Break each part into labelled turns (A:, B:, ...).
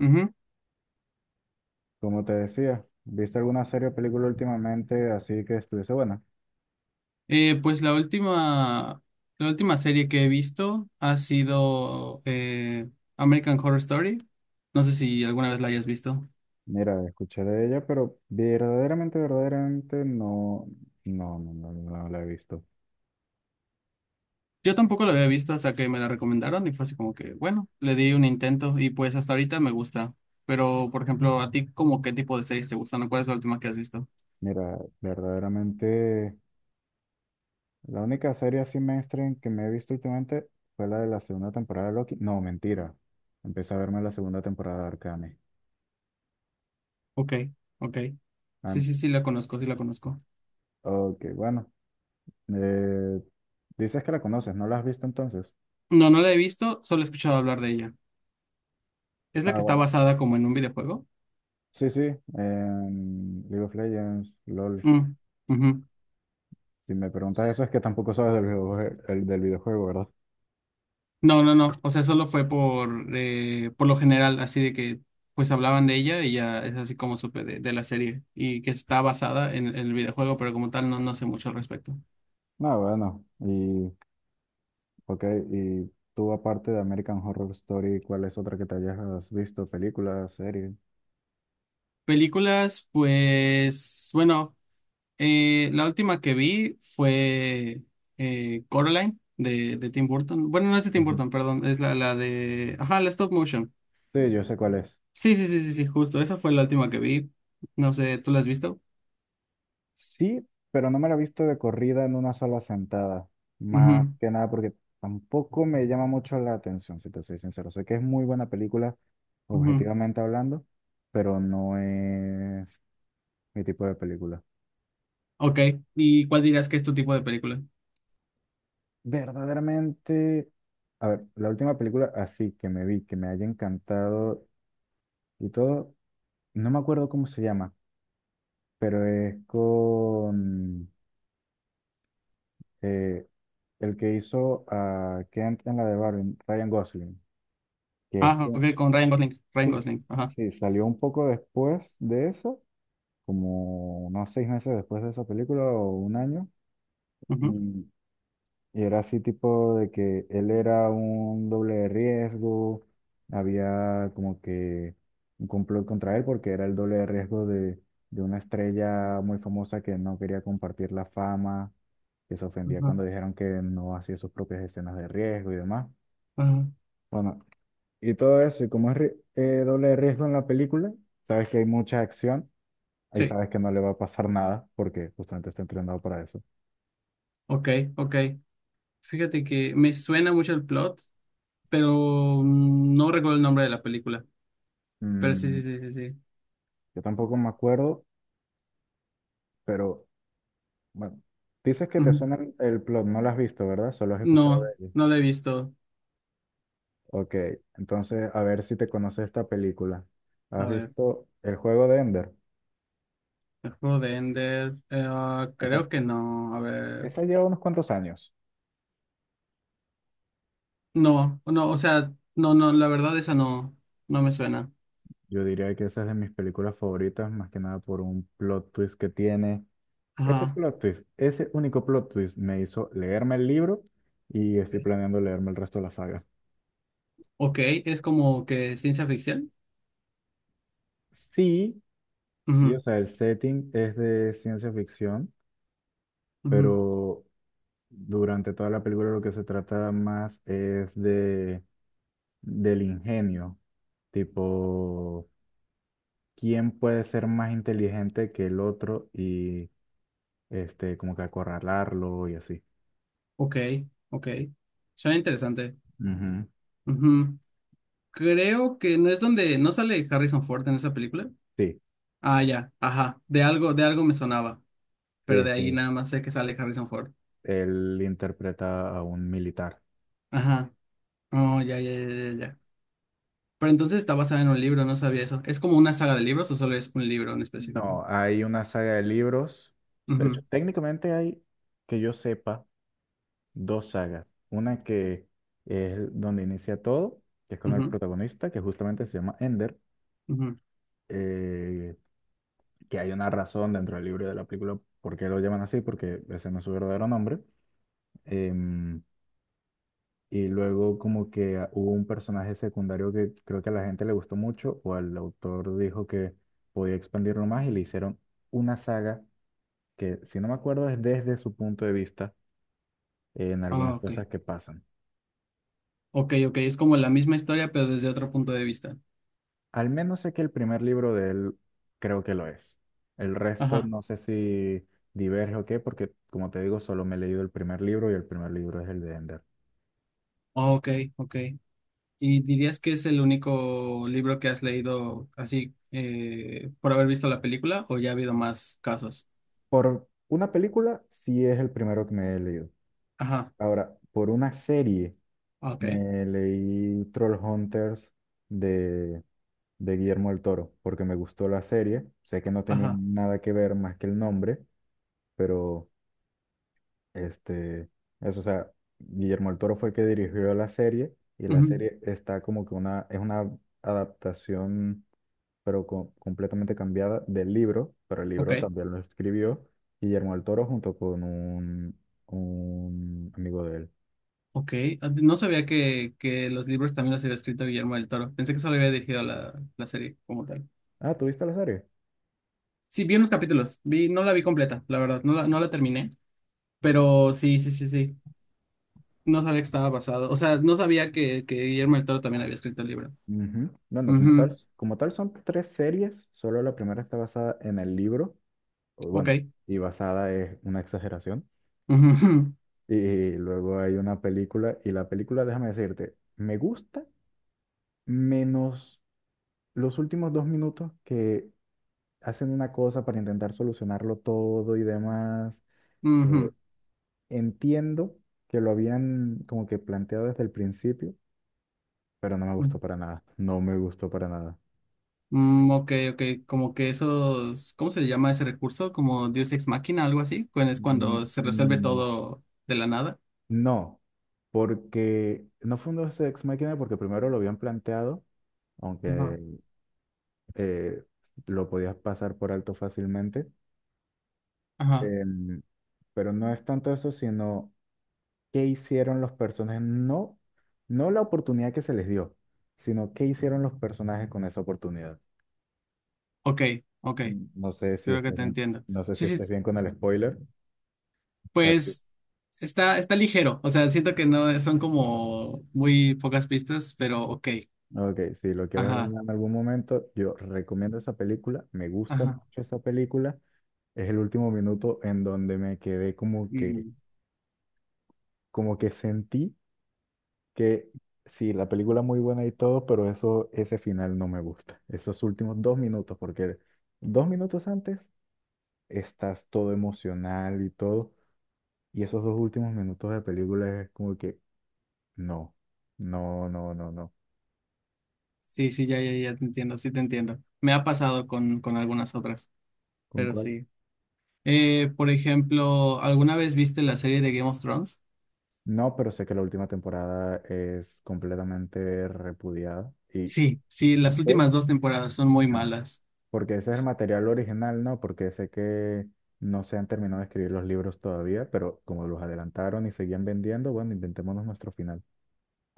A: Ujú.
B: Como te decía, ¿viste alguna serie o película últimamente así que estuviese buena?
A: Pues la última serie que he visto ha sido American Horror Story. No sé si alguna vez la hayas visto.
B: Mira, escuché de ella, pero verdaderamente, verdaderamente no, no, no, no, no la he visto.
A: Yo tampoco la había visto hasta que me la recomendaron y fue así como que, bueno, le di un intento y pues hasta ahorita me gusta. Pero, por ejemplo, ¿a ti como qué tipo de series te gustan o cuál es la última que has visto?
B: Mira, verdaderamente, la única serie así mainstream que me he visto últimamente fue la de la segunda temporada de Loki. No, mentira. Empecé a verme la segunda temporada de Arcane.
A: Ok, ok. Sí,
B: An-
A: sí, sí, la conozco, sí la conozco.
B: ok, bueno. eh, Dices que la conoces, ¿no la has visto entonces?
A: No, no la he visto, solo he escuchado hablar de ella. ¿Es la
B: Ah,
A: que está
B: bueno.
A: basada como en un videojuego?
B: Sí, sí, en League of Legends, LOL.
A: Mm, ujú.
B: Si me preguntas eso es que tampoco sabes del videojuego, del videojuego, ¿verdad?
A: No, no, no. O sea, solo fue por lo general, así de que pues hablaban de ella y ya es así como supe de la serie y que está basada en el videojuego, pero como tal no sé mucho al respecto.
B: No, bueno, y ok, y tú aparte de American Horror Story, ¿cuál es otra que te hayas visto? ¿Película, serie?
A: Películas, pues bueno, la última que vi fue Coraline de Tim Burton. Bueno, no es de Tim
B: Ujú.
A: Burton, perdón, es la de. Ajá, la stop motion.
B: Sí, yo sé cuál es.
A: Sí, sí, sí, sí, sí, justo. Esa fue la última que vi. No sé, ¿tú la has visto?
B: Sí, pero no me la he visto de corrida en una sola sentada. Más
A: Ujú,
B: que nada porque tampoco me llama mucho la atención, si te soy sincero. Sé que es muy buena película,
A: ujú.
B: objetivamente hablando, pero no es mi tipo de película.
A: Ok, ¿y cuál dirías que es tu tipo de película?
B: Verdaderamente, a ver, la última película así que me vi, que me haya encantado y todo, no me acuerdo cómo se llama, pero es con eh, el que hizo a Kent en la de Barbie, Ryan Gosling, que es
A: Ah,
B: que-
A: ok, con Ryan Gosling, Ryan
B: sí, sí,
A: Gosling, ajá,
B: sí, salió un poco después de eso, como unos 6 meses después de esa película o un año,
A: ujú,
B: y Y era así tipo de que él era un doble de riesgo, había como que un complot contra él porque era el doble de riesgo de una estrella muy famosa que no quería compartir la fama, que se ofendía
A: ajá,
B: cuando dijeron que no hacía sus propias escenas de riesgo y demás.
A: ajá.
B: Bueno, y todo eso, y como es doble de riesgo en la película, sabes que hay mucha acción, ahí
A: Sí,
B: sabes que no le va a pasar nada porque justamente está entrenado para eso.
A: ok, ok. Fíjate que me suena mucho el plot, pero no recuerdo el nombre de la película, pero sí,
B: Mm,
A: sí, sí, sí, sí.
B: yo tampoco me acuerdo, pero... Bueno, dices que te
A: Ujú.
B: suena el plot, no lo has visto, ¿verdad? Solo has escuchado
A: No,
B: de él.
A: no la he visto.
B: Ok, entonces a ver si te conoces esta película.
A: A
B: ¿Has
A: ver,
B: visto El juego de Ender?
A: el juego de Ender, ah,
B: Esa,
A: creo que no, a ver,
B: esa lleva unos cuantos años.
A: no, no, o sea, no, no, la verdad esa no, no me suena.
B: Yo diría que esa es de mis películas favoritas, más que nada por un plot twist que tiene. Ese
A: Ajá,
B: plot twist, ese único plot twist me hizo leerme el libro y estoy planeando leerme el resto de la saga.
A: ok, es como que ciencia ficción.
B: Sí, sí, o
A: Ujú,
B: sea, el setting es de ciencia ficción,
A: ujú.
B: pero durante toda la película lo que se trata más es de del ingenio, tipo, ¿quién puede ser más inteligente que el otro y este como que acorralarlo y así?
A: Ok, ok. Suena interesante.
B: Ujú.
A: Ujú. Creo que no es donde no sale Harrison Ford en esa película.
B: Sí,
A: Ah, ya, ajá. De algo me sonaba, pero
B: sí,
A: de ahí
B: sí.
A: nada más sé que sale Harrison Ford.
B: Él interpreta a un militar.
A: Ajá. Oh, ya, ya, ya, ya, ya. Pero entonces está basada en un libro, no sabía eso. ¿Es como una saga de libros o solo es un libro en específico?
B: No, hay una saga de libros. De hecho,
A: Ujú,
B: técnicamente hay, que yo sepa, dos sagas. Una que es donde inicia todo, que es con el
A: ujú,
B: protagonista, que justamente se llama Ender.
A: ujú.
B: eh, que hay una razón dentro del libro y de la película por qué lo llaman así, porque ese no es su verdadero nombre. Em, y luego como que hubo un personaje secundario que creo que a la gente le gustó mucho o el autor dijo que podía expandirlo más y le hicieron una saga que, si no me acuerdo, es desde su punto de vista en
A: Ah,
B: algunas
A: ok.
B: cosas que pasan.
A: Ok, ok. Es como la misma historia, pero desde otro punto de vista.
B: Al menos sé que el primer libro de él creo que lo es. El resto
A: Ajá.
B: no sé si diverge o qué, porque como te digo, solo me he leído el primer libro y el primer libro es el de Ender.
A: Ok, ok. ¿Y dirías que es el único libro que has leído así por haber visto la película o ya ha habido más casos?
B: Por una película, sí es el primero que me he leído.
A: Ajá,
B: Ahora, por una serie,
A: ah, ok,
B: me leí Trollhunters de, de Guillermo del Toro, porque me gustó la serie. Sé que no tenía
A: ajá,
B: nada que ver más que el nombre, pero este, eso, o sea, Guillermo el Toro fue el que dirigió la serie y la
A: ujú,
B: serie está como que es una adaptación, pero completamente cambiada del libro, pero el
A: ok,
B: libro también lo escribió Guillermo el Toro junto con un amigo de él.
A: ok. Ah, no sabía que los libros también los había escrito Guillermo del Toro. Pensé que solo había dirigido la serie como tal.
B: Ah, ¿tú viste la serie?
A: Sí, vi unos capítulos, vi, no la vi completa, la verdad, no la terminé, pero sí, sí, sí, sí. No sabía que estaba basado, o sea, no sabía que Guillermo del Toro también había escrito el libro.
B: Ujú. Bueno, como tal,
A: Ujú,
B: como tal son tres series, solo la primera está basada en el libro, o
A: ok.
B: bueno, y basada es una exageración.
A: Ujú,
B: Y luego hay una película, y la película, déjame decirte, me gusta menos los últimos 2 minutos que hacen una cosa para intentar solucionarlo todo y demás.
A: ujú,
B: Eh, Entiendo que lo habían como que planteado desde el principio, pero no me
A: ujú.
B: gustó para nada. No me gustó para nada.
A: Mm, ok, ok, como que esos, ¿cómo se le llama ese recurso? Como Deus Ex Machina, algo así, cuando es
B: Mm,
A: cuando se resuelve
B: mm,
A: todo de la nada.
B: No, porque no fue un Dos Ex Machina porque primero lo habían planteado,
A: Ajá,
B: aunque eh, lo podías pasar por alto fácilmente.
A: ajá,
B: Em, pero no es tanto eso, sino qué hicieron los personajes, no, no la oportunidad que se les dio, sino qué hicieron los personajes con esa oportunidad.
A: ok, ok,
B: No sé si
A: creo que
B: estás
A: te
B: bien,
A: entiendo.
B: no sé si
A: Sí,
B: estás
A: sí,
B: bien con el spoiler. O sea, sí.
A: pues está ligero, o sea, siento que no son como muy pocas pistas, pero ok,
B: Ok, si lo quieres ver
A: ajá,
B: en algún momento, yo recomiendo esa película, me gusta
A: ajá.
B: mucho esa película. Es el último minuto en donde me quedé como que,
A: Mm,
B: como que sentí que sí, la película muy buena y todo, pero eso, ese final no me gusta. Esos últimos 2 minutos, porque 2 minutos antes estás todo emocional y todo, y esos dos últimos minutos de película es como que no, no, no, no, no.
A: sí, sí, ya, ya, ya te entiendo, sí te entiendo. Me ha pasado con algunas otras,
B: ¿Con
A: pero
B: cuál?
A: sí. Por ejemplo, ¿alguna vez viste la serie de Game of Thrones?
B: No, pero sé que la última temporada es completamente repudiada y,
A: Sí, sí,
B: ¿Y
A: las
B: sé?
A: últimas dos temporadas son muy
B: ah,
A: malas.
B: Porque ese es el material original, ¿no? Porque sé que no se han terminado de escribir los libros todavía, pero como los adelantaron y seguían vendiendo, bueno, inventémonos nuestro final.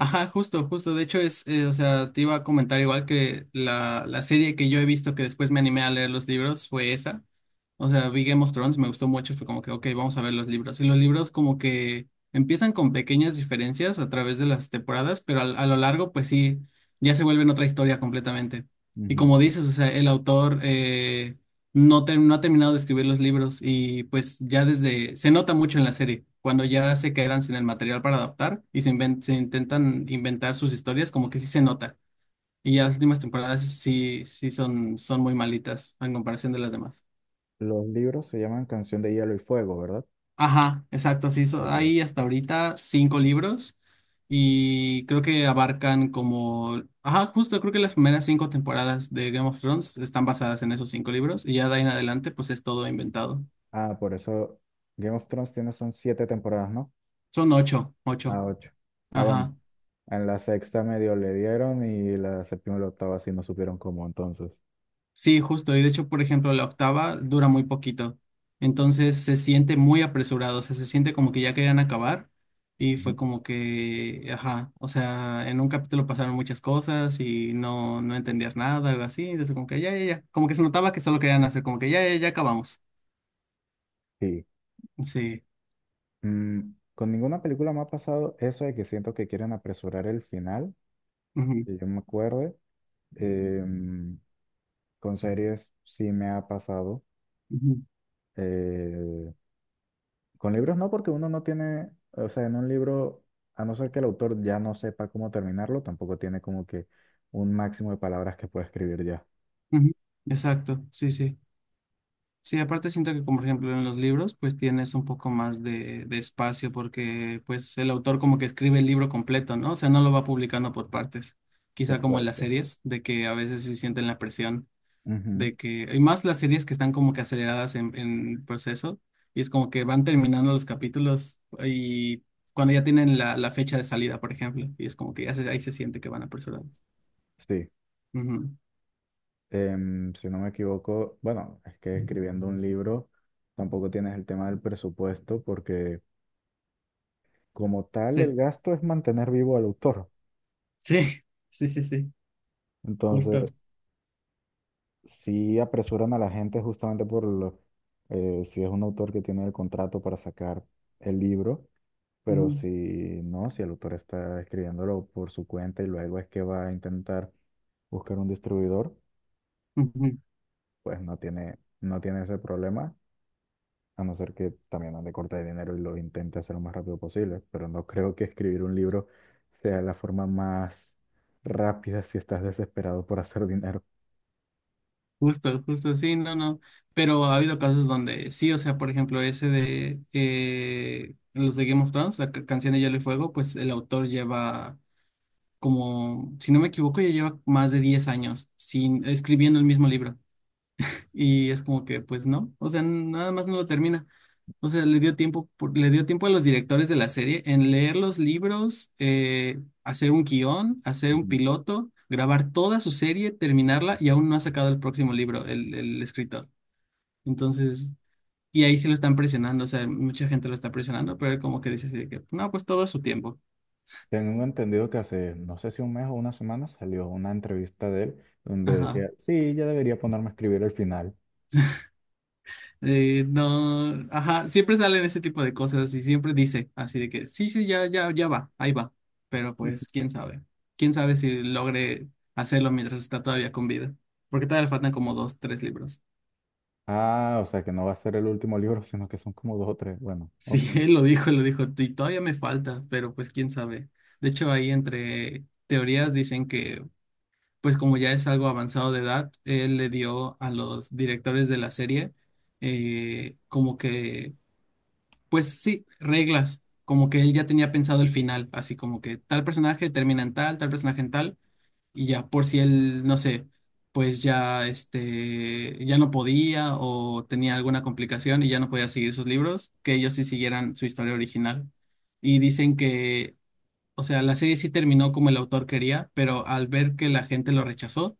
A: Ajá, justo, justo. De hecho, o sea, te iba a comentar igual que la serie que yo he visto que después me animé a leer los libros fue esa. O sea, vi Game of Thrones, me gustó mucho, fue como que, ok, vamos a ver los libros. Y los libros como que empiezan con pequeñas diferencias a través de las temporadas, pero a lo largo, pues sí, ya se vuelven otra historia completamente. Y
B: Ujú.
A: como dices, o sea, el autor no, no ha terminado de escribir los libros y pues ya desde, se nota mucho en la serie, cuando ya se quedan sin el material para adaptar y se intentan inventar sus historias, como que sí se nota. Y ya las últimas temporadas sí, sí son muy malitas en comparación de las demás.
B: Los libros se llaman Canción de Hielo y Fuego, ¿verdad?
A: Ajá, exacto, sí,
B: Ok.
A: hay hasta ahorita cinco libros y creo que abarcan como, ajá, justo creo que las primeras cinco temporadas de Game of Thrones están basadas en esos cinco libros y ya de ahí en adelante pues es todo inventado.
B: Ah, por eso Game of Thrones tiene son siete temporadas, ¿no?
A: Son ocho,
B: Ah,
A: ocho.
B: ocho. Ah, bueno.
A: Ajá.
B: En la sexta medio le dieron y la séptima y la octava sí no supieron cómo entonces.
A: Sí, justo. Y de hecho, por ejemplo, la octava dura muy poquito. Entonces se siente muy apresurado. O sea, se siente como que ya querían acabar. Y
B: Ujú.
A: fue como que, ajá. O sea, en un capítulo pasaron muchas cosas y no entendías nada, algo así. Entonces, como que ya, ya, ya. Como que se notaba que solo querían hacer, como que ya, ya, ya acabamos.
B: Sí.
A: Sí.
B: Con ninguna película me ha pasado eso de que siento que quieren apresurar el final,
A: Ujú,
B: que yo me acuerde. Eh, con series sí me ha pasado.
A: ujú,
B: Eh, con libros no, porque uno no tiene, o sea, en un libro, a no ser que el autor ya no sepa cómo terminarlo, tampoco tiene como que un máximo de palabras que puede escribir ya.
A: ujú. Exacto. Sí, sí. Sí, aparte siento que, como por ejemplo en los libros, pues tienes un poco más de espacio porque pues el autor como que escribe el libro completo, ¿no? O sea, no lo va publicando por partes. Quizá como en las
B: Exacto.
A: series, de que a veces sí sienten la presión
B: Ujú.
A: de que, y más las series que están como que aceleradas en el proceso, y es como que van terminando los capítulos y cuando ya tienen la fecha de salida, por ejemplo, y es como que ya ahí se siente que van apresurados.
B: Sí.
A: Ujú.
B: Si no me equivoco, bueno, es que escribiendo un libro tampoco tienes el tema del presupuesto porque como tal el
A: Sí,
B: gasto es mantener vivo al autor.
A: sí, sí, sí, sí, justo.
B: Entonces, sí apresuran a la gente justamente si es un autor que tiene el contrato para sacar el libro, pero
A: Ujú,
B: si no, si el autor está escribiéndolo por su cuenta y luego es que va a intentar buscar un distribuidor,
A: ujú.
B: pues no tiene ese problema, a no ser que también ande corta de dinero y lo intente hacer lo más rápido posible, pero no creo que escribir un libro sea la forma más rápida si estás desesperado por hacer dinero.
A: Justo, justo, sí, no, no. Pero ha habido casos donde sí, o sea, por ejemplo, ese de los de Game of Thrones, la canción de Hielo y Fuego, pues el autor lleva como, si no me equivoco, ya lleva más de 10 años sin, escribiendo el mismo libro. Y es como que, pues no, o sea, nada más no lo termina. O sea, le dio tiempo, le dio tiempo a los directores de la serie en leer los libros, hacer un guión, hacer un piloto, grabar toda su serie, terminarla y aún no ha sacado el próximo libro, el escritor. Entonces, y ahí sí lo están presionando, o sea, mucha gente lo está presionando, pero él como que dice así de que, no, pues todo a su tiempo.
B: Tengo entendido que hace, no sé si un mes o una semana, salió una entrevista de él donde
A: Ajá.
B: decía, sí, ya debería ponerme a escribir el final.
A: No, ajá, siempre salen ese tipo de cosas y siempre dice así de que sí, sí, ya, ya, ya va, ahí va. Pero pues, quién sabe. Quién sabe si logre hacerlo mientras está todavía con vida. Porque todavía le faltan como dos, tres libros.
B: Ah, o sea que no va a ser el último libro, sino que son como dos o tres. Bueno, ok.
A: Sí, él lo dijo, y todavía me falta, pero pues quién sabe. De hecho, ahí entre teorías dicen que, pues como ya es algo avanzado de edad, él le dio a los directores de la serie como que pues sí, reglas, como que él ya tenía pensado el final, así como que tal personaje termina en tal, tal personaje en tal, y ya por si él, no sé, pues ya este, ya no podía o tenía alguna complicación y ya no podía seguir sus libros, que ellos sí siguieran su historia original. Y dicen que, o sea, la serie sí terminó como el autor quería, pero al ver que la gente lo rechazó,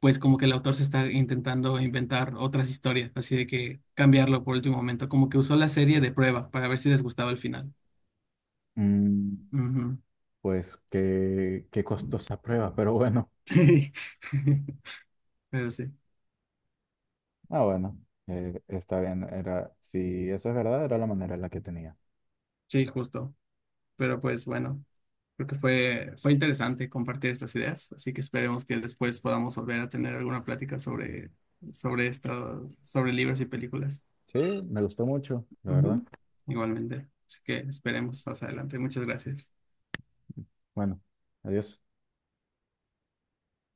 A: pues como que el autor se está intentando inventar otras historias, así de que cambiarlo por último momento, como que usó la serie de prueba para ver si les gustaba el final.
B: Mm,
A: Ujú.
B: pues qué costosa prueba, pero bueno.
A: Pero sí,
B: Ah, bueno, está bien. Era, si eso es verdad, era la manera en la que tenía.
A: sí, justo. Pero pues bueno, creo que fue interesante compartir estas ideas, así que esperemos que después podamos volver a tener alguna plática sobre esto, sobre libros y películas.
B: Sí, me gustó mucho, la verdad.
A: Ujú. Igualmente. Así que esperemos más adelante. Muchas gracias.
B: Bueno, adiós.